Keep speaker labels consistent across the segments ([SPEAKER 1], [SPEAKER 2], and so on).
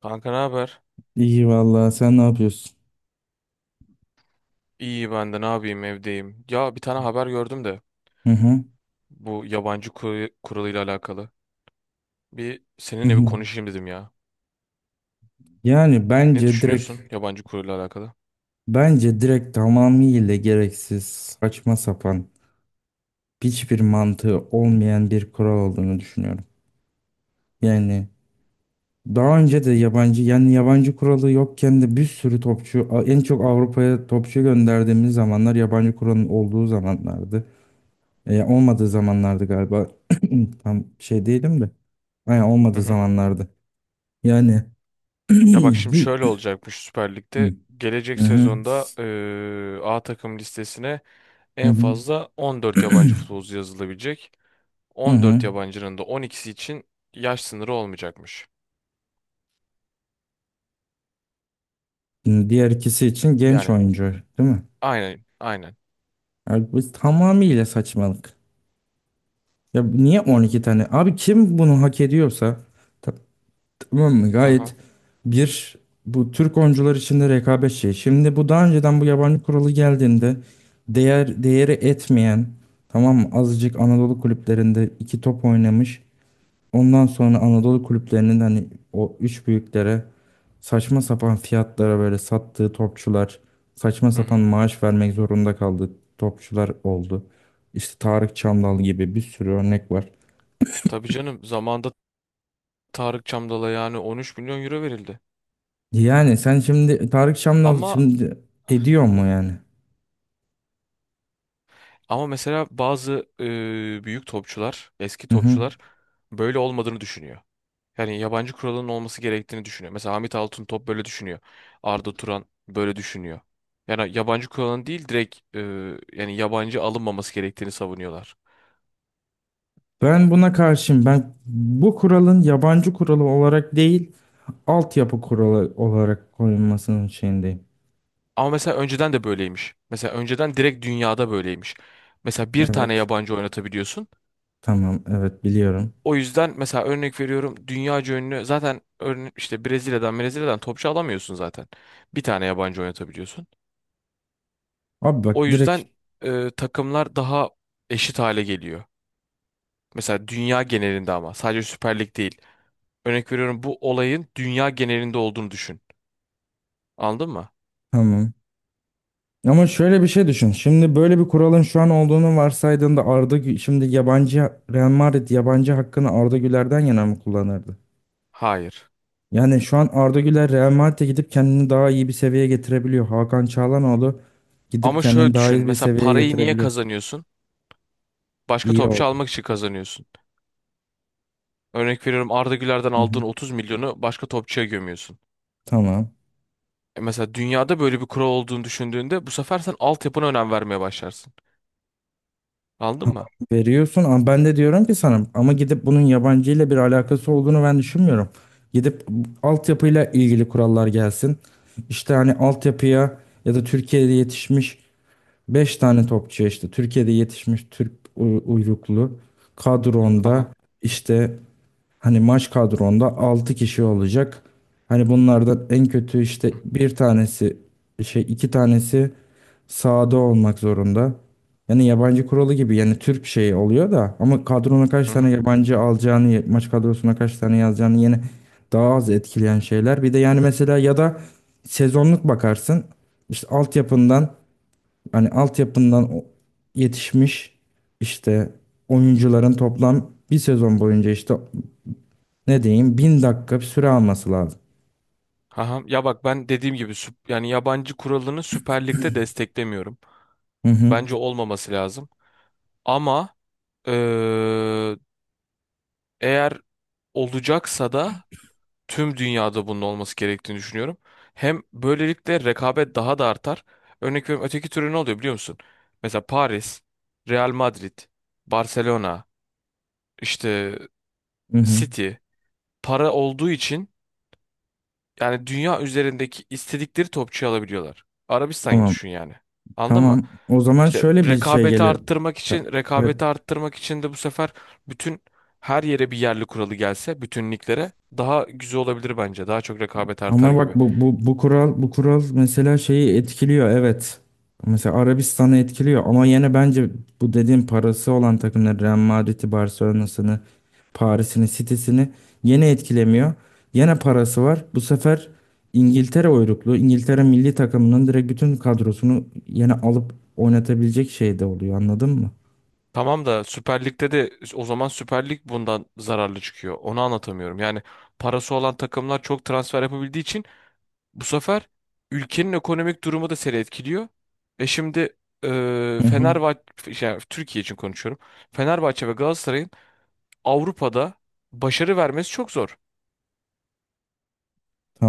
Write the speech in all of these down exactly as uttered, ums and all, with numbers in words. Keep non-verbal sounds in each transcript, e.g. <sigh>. [SPEAKER 1] Kanka ne haber?
[SPEAKER 2] İyi vallahi sen ne yapıyorsun?
[SPEAKER 1] İyi ben de ne yapayım, evdeyim. Ya bir tane haber gördüm de
[SPEAKER 2] Hı hı.
[SPEAKER 1] bu yabancı kuru, kuralıyla alakalı. Bir
[SPEAKER 2] Hı
[SPEAKER 1] seninle bir
[SPEAKER 2] hı.
[SPEAKER 1] konuşayım dedim ya.
[SPEAKER 2] Yani
[SPEAKER 1] Ne
[SPEAKER 2] bence direkt
[SPEAKER 1] düşünüyorsun yabancı kuralıyla alakalı?
[SPEAKER 2] bence direkt tamamıyla gereksiz, saçma sapan, hiçbir mantığı olmayan bir kural olduğunu düşünüyorum. Yani daha önce de yabancı yani yabancı kuralı yokken de bir sürü topçu, en çok Avrupa'ya topçu gönderdiğimiz zamanlar yabancı kuralın olduğu zamanlardı. E, olmadığı zamanlardı galiba. <clears throat> Tam şey değilim de. Aynen,
[SPEAKER 1] Hı
[SPEAKER 2] olmadığı
[SPEAKER 1] hı.
[SPEAKER 2] zamanlardı. Yani <clears throat>
[SPEAKER 1] Ya bak şimdi
[SPEAKER 2] hi-
[SPEAKER 1] şöyle olacakmış Süper Lig'de. Gelecek
[SPEAKER 2] Hı hı.
[SPEAKER 1] sezonda eee, A takım listesine
[SPEAKER 2] Hı
[SPEAKER 1] en
[SPEAKER 2] hı.
[SPEAKER 1] fazla on dört yabancı futbolcu yazılabilecek.
[SPEAKER 2] Hı
[SPEAKER 1] on dört
[SPEAKER 2] hı.
[SPEAKER 1] yabancının da on ikisi için yaş sınırı olmayacakmış.
[SPEAKER 2] Diğer ikisi için genç
[SPEAKER 1] Yani
[SPEAKER 2] oyuncu, değil mi?
[SPEAKER 1] aynen, aynen.
[SPEAKER 2] Abi bu tamamıyla saçmalık. Ya niye on iki tane? Abi kim bunu hak ediyorsa ta- tamam mı? Gayet
[SPEAKER 1] Aha.
[SPEAKER 2] bir bu Türk oyuncular içinde rekabet şey. Şimdi bu, daha önceden bu yabancı kuralı geldiğinde değer değeri etmeyen, tamam mı, azıcık Anadolu kulüplerinde iki top oynamış, ondan sonra Anadolu kulüplerinin hani o üç büyüklere saçma sapan fiyatlara böyle sattığı topçular, saçma
[SPEAKER 1] Hı
[SPEAKER 2] sapan
[SPEAKER 1] hı.
[SPEAKER 2] maaş vermek zorunda kaldığı topçular oldu. İşte Tarık Çamdal gibi bir sürü örnek var.
[SPEAKER 1] Tabii canım, zamanda Tarık Çamdal'a yani on üç milyon euro verildi.
[SPEAKER 2] Yani sen şimdi Tarık Çamdal
[SPEAKER 1] Ama
[SPEAKER 2] şimdi ediyor mu yani?
[SPEAKER 1] ama mesela bazı e, büyük topçular, eski
[SPEAKER 2] Hı hı.
[SPEAKER 1] topçular böyle olmadığını düşünüyor. Yani yabancı kuralının olması gerektiğini düşünüyor. Mesela Hamit Altuntop böyle düşünüyor. Arda Turan böyle düşünüyor. Yani yabancı kuralın değil direkt e, yani yabancı alınmaması gerektiğini savunuyorlar.
[SPEAKER 2] Ben buna karşıyım. Ben bu kuralın yabancı kuralı olarak değil, altyapı kuralı olarak koyulmasının şeyindeyim.
[SPEAKER 1] Ama mesela önceden de böyleymiş. Mesela önceden direkt dünyada böyleymiş. Mesela bir tane
[SPEAKER 2] Evet.
[SPEAKER 1] yabancı oynatabiliyorsun.
[SPEAKER 2] Tamam, evet, biliyorum.
[SPEAKER 1] O yüzden mesela örnek veriyorum, dünyaca ünlü zaten, örne işte Brezilya'dan Brezilya'dan topçu alamıyorsun zaten. Bir tane yabancı oynatabiliyorsun.
[SPEAKER 2] Abi bak
[SPEAKER 1] O
[SPEAKER 2] direkt.
[SPEAKER 1] yüzden e, takımlar daha eşit hale geliyor. Mesela dünya genelinde, ama sadece Süper Lig değil. Örnek veriyorum, bu olayın dünya genelinde olduğunu düşün. Anladın mı?
[SPEAKER 2] Tamam. Ama şöyle bir şey düşün. Şimdi böyle bir kuralın şu an olduğunu varsaydığında Arda Gü- şimdi yabancı Real Madrid yabancı hakkını Arda Güler'den yana mı kullanırdı?
[SPEAKER 1] Hayır.
[SPEAKER 2] Yani şu an Arda Güler Real Madrid'e gidip kendini daha iyi bir seviyeye getirebiliyor. Hakan Çalhanoğlu gidip
[SPEAKER 1] Ama
[SPEAKER 2] kendini
[SPEAKER 1] şöyle
[SPEAKER 2] daha
[SPEAKER 1] düşün.
[SPEAKER 2] iyi bir
[SPEAKER 1] Mesela
[SPEAKER 2] seviyeye
[SPEAKER 1] parayı niye
[SPEAKER 2] getirebiliyor.
[SPEAKER 1] kazanıyorsun? Başka
[SPEAKER 2] İyi
[SPEAKER 1] topçu
[SPEAKER 2] oldu.
[SPEAKER 1] almak için kazanıyorsun. Örnek veriyorum, Arda Güler'den
[SPEAKER 2] Hı
[SPEAKER 1] aldığın
[SPEAKER 2] hı.
[SPEAKER 1] otuz milyonu başka topçuya gömüyorsun.
[SPEAKER 2] Tamam.
[SPEAKER 1] E Mesela dünyada böyle bir kural olduğunu düşündüğünde bu sefer sen altyapına önem vermeye başlarsın. Anladın mı?
[SPEAKER 2] Veriyorsun, ama ben de diyorum ki sana, ama gidip bunun yabancı ile bir alakası olduğunu ben düşünmüyorum. Gidip altyapıyla ilgili kurallar gelsin. İşte hani altyapıya, ya da Türkiye'de yetişmiş beş tane topçu, işte Türkiye'de yetişmiş Türk uy- uyruklu
[SPEAKER 1] Aha.
[SPEAKER 2] kadronda, işte hani maç kadronda altı kişi olacak. Hani bunlardan en kötü, işte
[SPEAKER 1] Hı
[SPEAKER 2] bir tanesi, şey, iki tanesi sahada olmak zorunda. Yani yabancı kuralı gibi yani Türk şeyi oluyor da, ama kadrona kaç
[SPEAKER 1] hı.
[SPEAKER 2] tane
[SPEAKER 1] Hı.
[SPEAKER 2] yabancı alacağını, maç kadrosuna kaç tane yazacağını yine daha az etkileyen şeyler. Bir de yani mesela, ya da sezonluk bakarsın, işte altyapından, hani altyapından o- yetişmiş, işte oyuncuların toplam bir sezon boyunca işte ne diyeyim, bin dakika bir süre alması lazım.
[SPEAKER 1] Aha. Ya bak, ben dediğim gibi, süp- yani yabancı kuralını Süper Lig'de desteklemiyorum.
[SPEAKER 2] Hı hı.
[SPEAKER 1] Bence olmaması lazım. Ama eee, eğer olacaksa da tüm dünyada bunun olması gerektiğini düşünüyorum. Hem böylelikle rekabet daha da artar. Örnek veriyorum, öteki türlü ne oluyor biliyor musun? Mesela Paris, Real Madrid, Barcelona, işte
[SPEAKER 2] Hı hı.
[SPEAKER 1] City para olduğu için yani dünya üzerindeki istedikleri topçuyu alabiliyorlar. Arabistan'ı
[SPEAKER 2] Tamam.
[SPEAKER 1] düşün yani. Anladın mı?
[SPEAKER 2] Tamam. O zaman
[SPEAKER 1] İşte
[SPEAKER 2] şöyle bir şey
[SPEAKER 1] rekabeti
[SPEAKER 2] geliyor.
[SPEAKER 1] arttırmak için
[SPEAKER 2] Evet.
[SPEAKER 1] rekabeti arttırmak için de bu sefer bütün her yere bir yerli kuralı gelse, bütün liglere, daha güzel olabilir bence. Daha çok rekabet artar
[SPEAKER 2] Ama bak
[SPEAKER 1] gibi.
[SPEAKER 2] bu, bu, bu kural bu kural mesela şeyi etkiliyor, evet. Mesela Arabistan'ı etkiliyor, ama yine bence bu dediğim parası olan takımları, Real Madrid'i, Barcelona'sını, Paris'ini, City'sini yine etkilemiyor. Yine parası var. Bu sefer İngiltere uyruklu. İngiltere milli takımının direkt bütün kadrosunu yine alıp oynatabilecek şeyde oluyor, anladın mı?
[SPEAKER 1] Tamam da Süper Lig'de de o zaman Süper Lig bundan zararlı çıkıyor. Onu anlatamıyorum. Yani parası olan takımlar çok transfer yapabildiği için bu sefer ülkenin ekonomik durumu da seni etkiliyor. E şimdi e,
[SPEAKER 2] Hı hı.
[SPEAKER 1] Fenerbahçe, yani Türkiye için konuşuyorum. Fenerbahçe ve Galatasaray'ın Avrupa'da başarı vermesi çok zor.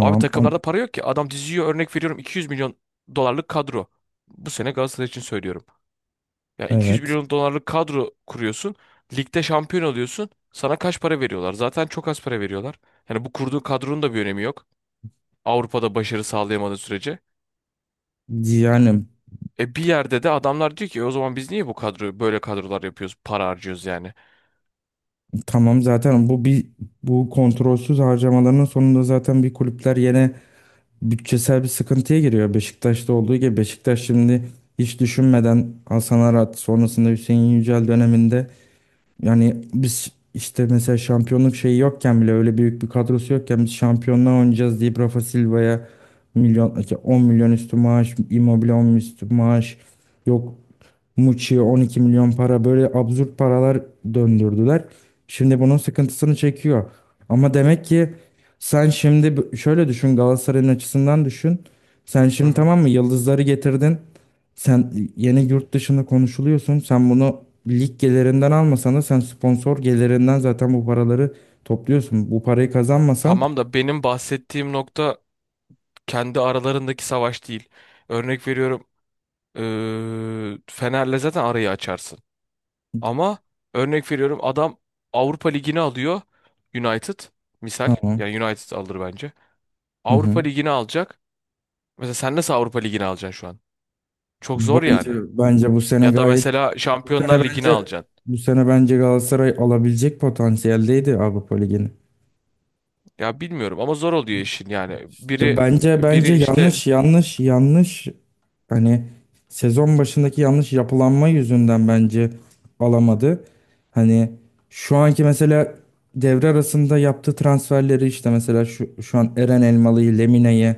[SPEAKER 1] Abi
[SPEAKER 2] Am-
[SPEAKER 1] takımlarda para yok ki. Adam diziyor örnek veriyorum, iki yüz milyon dolarlık kadro. Bu sene Galatasaray için söylüyorum. Ya iki yüz
[SPEAKER 2] evet.
[SPEAKER 1] milyon dolarlık kadro kuruyorsun. Ligde şampiyon oluyorsun. Sana kaç para veriyorlar? Zaten çok az para veriyorlar. Yani bu kurduğu kadronun da bir önemi yok, Avrupa'da başarı sağlayamadığı sürece.
[SPEAKER 2] Yani
[SPEAKER 1] E bir yerde de adamlar diyor ki, "E o zaman biz niye bu kadro böyle kadrolar yapıyoruz, para harcıyoruz yani."
[SPEAKER 2] tamam, zaten bu bir, bu kontrolsüz harcamaların sonunda zaten bir kulüpler yine bütçesel bir sıkıntıya giriyor. Beşiktaş'ta olduğu gibi. Beşiktaş şimdi hiç düşünmeden Hasan Arat sonrasında Hüseyin Yücel döneminde, yani biz işte mesela şampiyonluk şeyi yokken bile, öyle büyük bir kadrosu yokken biz şampiyonluğa oynayacağız deyip Rafa Silva'ya milyon, on milyon üstü maaş, Immobile on üstü maaş, yok Muçi'ye on iki milyon para, böyle absürt paralar döndürdüler. Şimdi bunun sıkıntısını çekiyor. Ama demek ki sen şimdi b- şöyle düşün, Galatasaray'ın açısından düşün. Sen
[SPEAKER 1] Hı
[SPEAKER 2] şimdi,
[SPEAKER 1] hı.
[SPEAKER 2] tamam mı, yıldızları getirdin. Sen yeni yurt dışında konuşuluyorsun. Sen bunu lig gelirinden almasan da sen sponsor gelirinden zaten bu paraları topluyorsun. Bu parayı kazanmasan
[SPEAKER 1] Tamam da benim bahsettiğim nokta kendi aralarındaki savaş değil. Örnek veriyorum, eee, Fener'le zaten arayı açarsın. Ama örnek veriyorum, adam Avrupa Ligi'ni alıyor, United misal,
[SPEAKER 2] tamam.
[SPEAKER 1] yani United alır bence.
[SPEAKER 2] Hı
[SPEAKER 1] Avrupa
[SPEAKER 2] hı.
[SPEAKER 1] Ligi'ni alacak. Mesela sen nasıl Avrupa Ligi'ni alacaksın şu an? Çok zor
[SPEAKER 2] Bence
[SPEAKER 1] yani.
[SPEAKER 2] bence bu sene
[SPEAKER 1] Ya da
[SPEAKER 2] gayet,
[SPEAKER 1] mesela
[SPEAKER 2] bu sene
[SPEAKER 1] Şampiyonlar Ligi'ni
[SPEAKER 2] bence,
[SPEAKER 1] alacaksın.
[SPEAKER 2] bu sene bence Galatasaray alabilecek potansiyeldeydi Avrupa Ligi'ni.
[SPEAKER 1] Ya bilmiyorum ama zor oluyor işin yani.
[SPEAKER 2] İşte
[SPEAKER 1] Biri
[SPEAKER 2] bence bence
[SPEAKER 1] biri işte
[SPEAKER 2] yanlış yanlış yanlış hani sezon başındaki yanlış yapılanma yüzünden bence alamadı. Hani şu anki mesela devre arasında yaptığı transferleri, işte mesela şu, şu an Eren Elmalı'yı, Lemine'yi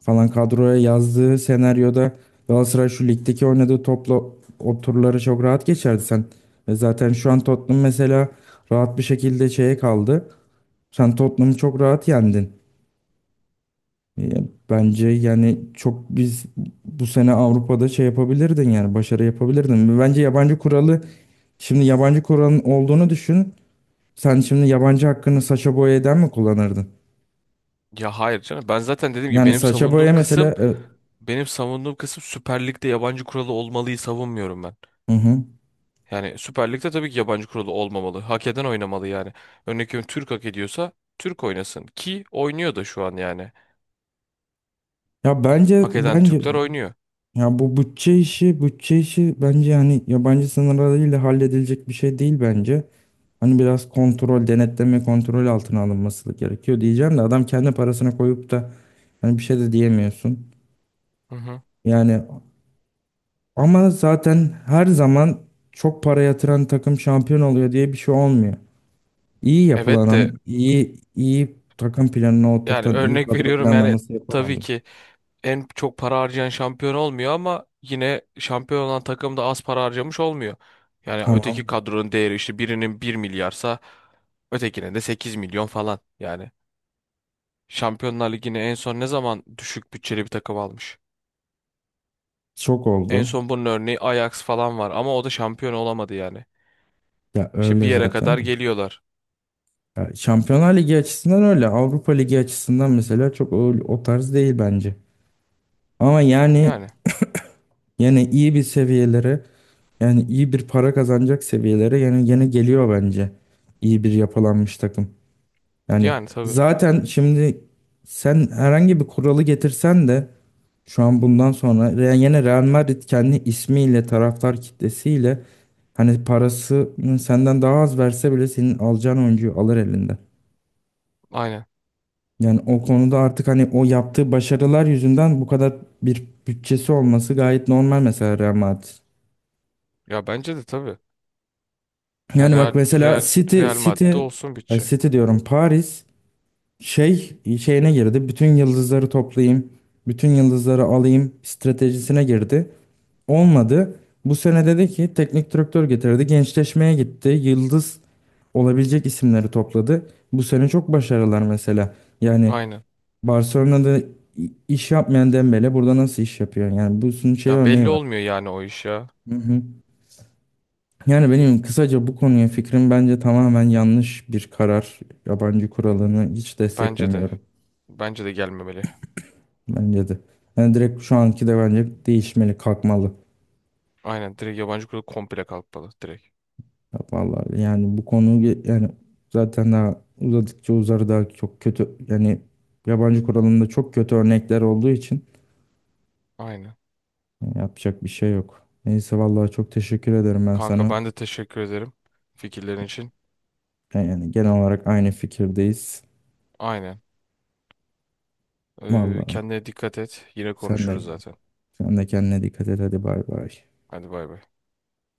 [SPEAKER 2] falan kadroya yazdığı senaryoda Galatasaray şu ligdeki oynadığı topla o turları çok rahat geçerdi sen. Ve zaten şu an Tottenham mesela rahat bir şekilde şeye kaldı. Sen Tottenham'ı çok rahat yendin. E, bence yani çok biz bu sene Avrupa'da şey yapabilirdin, yani başarı yapabilirdin. Bence yabancı kuralı, şimdi yabancı kuralın olduğunu düşün. Sen şimdi yabancı hakkını Sacha Boey'den mi kullanırdın?
[SPEAKER 1] ya hayır canım, ben zaten dediğim gibi,
[SPEAKER 2] Yani
[SPEAKER 1] benim
[SPEAKER 2] Sacha
[SPEAKER 1] savunduğum
[SPEAKER 2] Boey mesela,
[SPEAKER 1] kısım
[SPEAKER 2] e,
[SPEAKER 1] benim savunduğum kısım Süper Lig'de yabancı kuralı olmalıyı savunmuyorum ben.
[SPEAKER 2] hı hı.
[SPEAKER 1] Yani Süper Lig'de tabii ki yabancı kuralı olmamalı. Hak eden oynamalı yani. Örnek veriyorum, Türk hak ediyorsa Türk oynasın ki oynuyor da şu an yani.
[SPEAKER 2] Ya bence
[SPEAKER 1] Hak eden
[SPEAKER 2] bence
[SPEAKER 1] Türkler oynuyor.
[SPEAKER 2] ya bu bütçe işi, bütçe işi bence hani yabancı sınırlarıyla halledilecek bir şey değil bence. Hani biraz kontrol, denetleme, kontrol altına alınması gerekiyor diyeceğim de, adam kendi parasına koyup da hani bir şey de diyemiyorsun.
[SPEAKER 1] Hı hı.
[SPEAKER 2] Yani ama zaten her zaman çok para yatıran takım şampiyon oluyor diye bir şey olmuyor. İyi
[SPEAKER 1] Evet de
[SPEAKER 2] yapılanan, iyi iyi takım planına
[SPEAKER 1] yani
[SPEAKER 2] oturtan, iyi
[SPEAKER 1] örnek <laughs>
[SPEAKER 2] kadro
[SPEAKER 1] veriyorum yani,
[SPEAKER 2] planlaması yapan
[SPEAKER 1] tabii
[SPEAKER 2] oluyor.
[SPEAKER 1] ki en çok para harcayan şampiyon olmuyor ama yine şampiyon olan takım da az para harcamış olmuyor. Yani öteki
[SPEAKER 2] Tamam,
[SPEAKER 1] kadronun değeri işte birinin bir milyarsa ötekinin de sekiz milyon falan. Yani Şampiyonlar Ligi'ne en son ne zaman düşük bütçeli bir takım almış?
[SPEAKER 2] çok
[SPEAKER 1] En
[SPEAKER 2] oldu.
[SPEAKER 1] son bunun örneği Ajax falan var ama o da şampiyon olamadı yani.
[SPEAKER 2] Ya
[SPEAKER 1] İşte bir
[SPEAKER 2] öyle
[SPEAKER 1] yere kadar
[SPEAKER 2] zaten.
[SPEAKER 1] geliyorlar.
[SPEAKER 2] Ya Şampiyonlar Ligi açısından öyle. Avrupa Ligi açısından mesela çok o, o tarz değil bence. Ama yani
[SPEAKER 1] Yani
[SPEAKER 2] yine iyi bir seviyelere, yani iyi bir para kazanacak seviyelere yani yine geliyor bence. İyi bir yapılanmış takım. Yani
[SPEAKER 1] yani tabii.
[SPEAKER 2] zaten şimdi sen herhangi bir kuralı getirsen de şu an bundan sonra Re- yine Real Madrid kendi ismiyle, taraftar kitlesiyle, hani parası senden daha az verse bile senin alacağın oyuncuyu alır elinden.
[SPEAKER 1] Aynen.
[SPEAKER 2] Yani o konuda artık hani o yaptığı başarılar yüzünden bu kadar bir bütçesi olması gayet normal, mesela Real Madrid.
[SPEAKER 1] Ya bence de tabii. Ya
[SPEAKER 2] Yani bak
[SPEAKER 1] Real
[SPEAKER 2] mesela
[SPEAKER 1] Real
[SPEAKER 2] City,
[SPEAKER 1] Real
[SPEAKER 2] City,
[SPEAKER 1] Madrid olsun
[SPEAKER 2] ay
[SPEAKER 1] bütçe.
[SPEAKER 2] City diyorum, Paris şey şeyine girdi. Bütün yıldızları toplayayım, bütün yıldızları alayım stratejisine girdi. Olmadı. Bu sene dedi ki teknik direktör getirdi. Gençleşmeye gitti. Yıldız olabilecek isimleri topladı. Bu sene çok başarılar mesela. Yani
[SPEAKER 1] Aynen.
[SPEAKER 2] Barcelona'da i- iş yapmayan Dembele burada nasıl iş yapıyor? Yani bunun şey
[SPEAKER 1] Ya
[SPEAKER 2] örneği
[SPEAKER 1] belli
[SPEAKER 2] var.
[SPEAKER 1] olmuyor yani o iş ya.
[SPEAKER 2] Hı hı. Yani benim kısaca bu konuya fikrim, bence tamamen yanlış bir karar. Yabancı kuralını hiç
[SPEAKER 1] Bence de.
[SPEAKER 2] desteklemiyorum.
[SPEAKER 1] Bence de gelmemeli.
[SPEAKER 2] Bence de. Yani direkt şu anki de bence değişmeli, kalkmalı.
[SPEAKER 1] Aynen, direkt yabancı kuralı komple kalkmalı direkt.
[SPEAKER 2] Ya vallahi yani bu konu ge- yani zaten daha uzadıkça uzar, daha çok kötü. Yani yabancı kuralında çok kötü örnekler olduğu için
[SPEAKER 1] Aynen.
[SPEAKER 2] yapacak bir şey yok. Neyse, vallahi çok teşekkür ederim ben
[SPEAKER 1] Kanka
[SPEAKER 2] sana.
[SPEAKER 1] ben de teşekkür ederim fikirlerin için.
[SPEAKER 2] Yani genel olarak aynı fikirdeyiz.
[SPEAKER 1] Aynen. Ee,
[SPEAKER 2] Vallahi
[SPEAKER 1] kendine dikkat et. Yine
[SPEAKER 2] sen de
[SPEAKER 1] konuşuruz zaten.
[SPEAKER 2] sen de kendine dikkat et, hadi bay bay.
[SPEAKER 1] Hadi bay bay.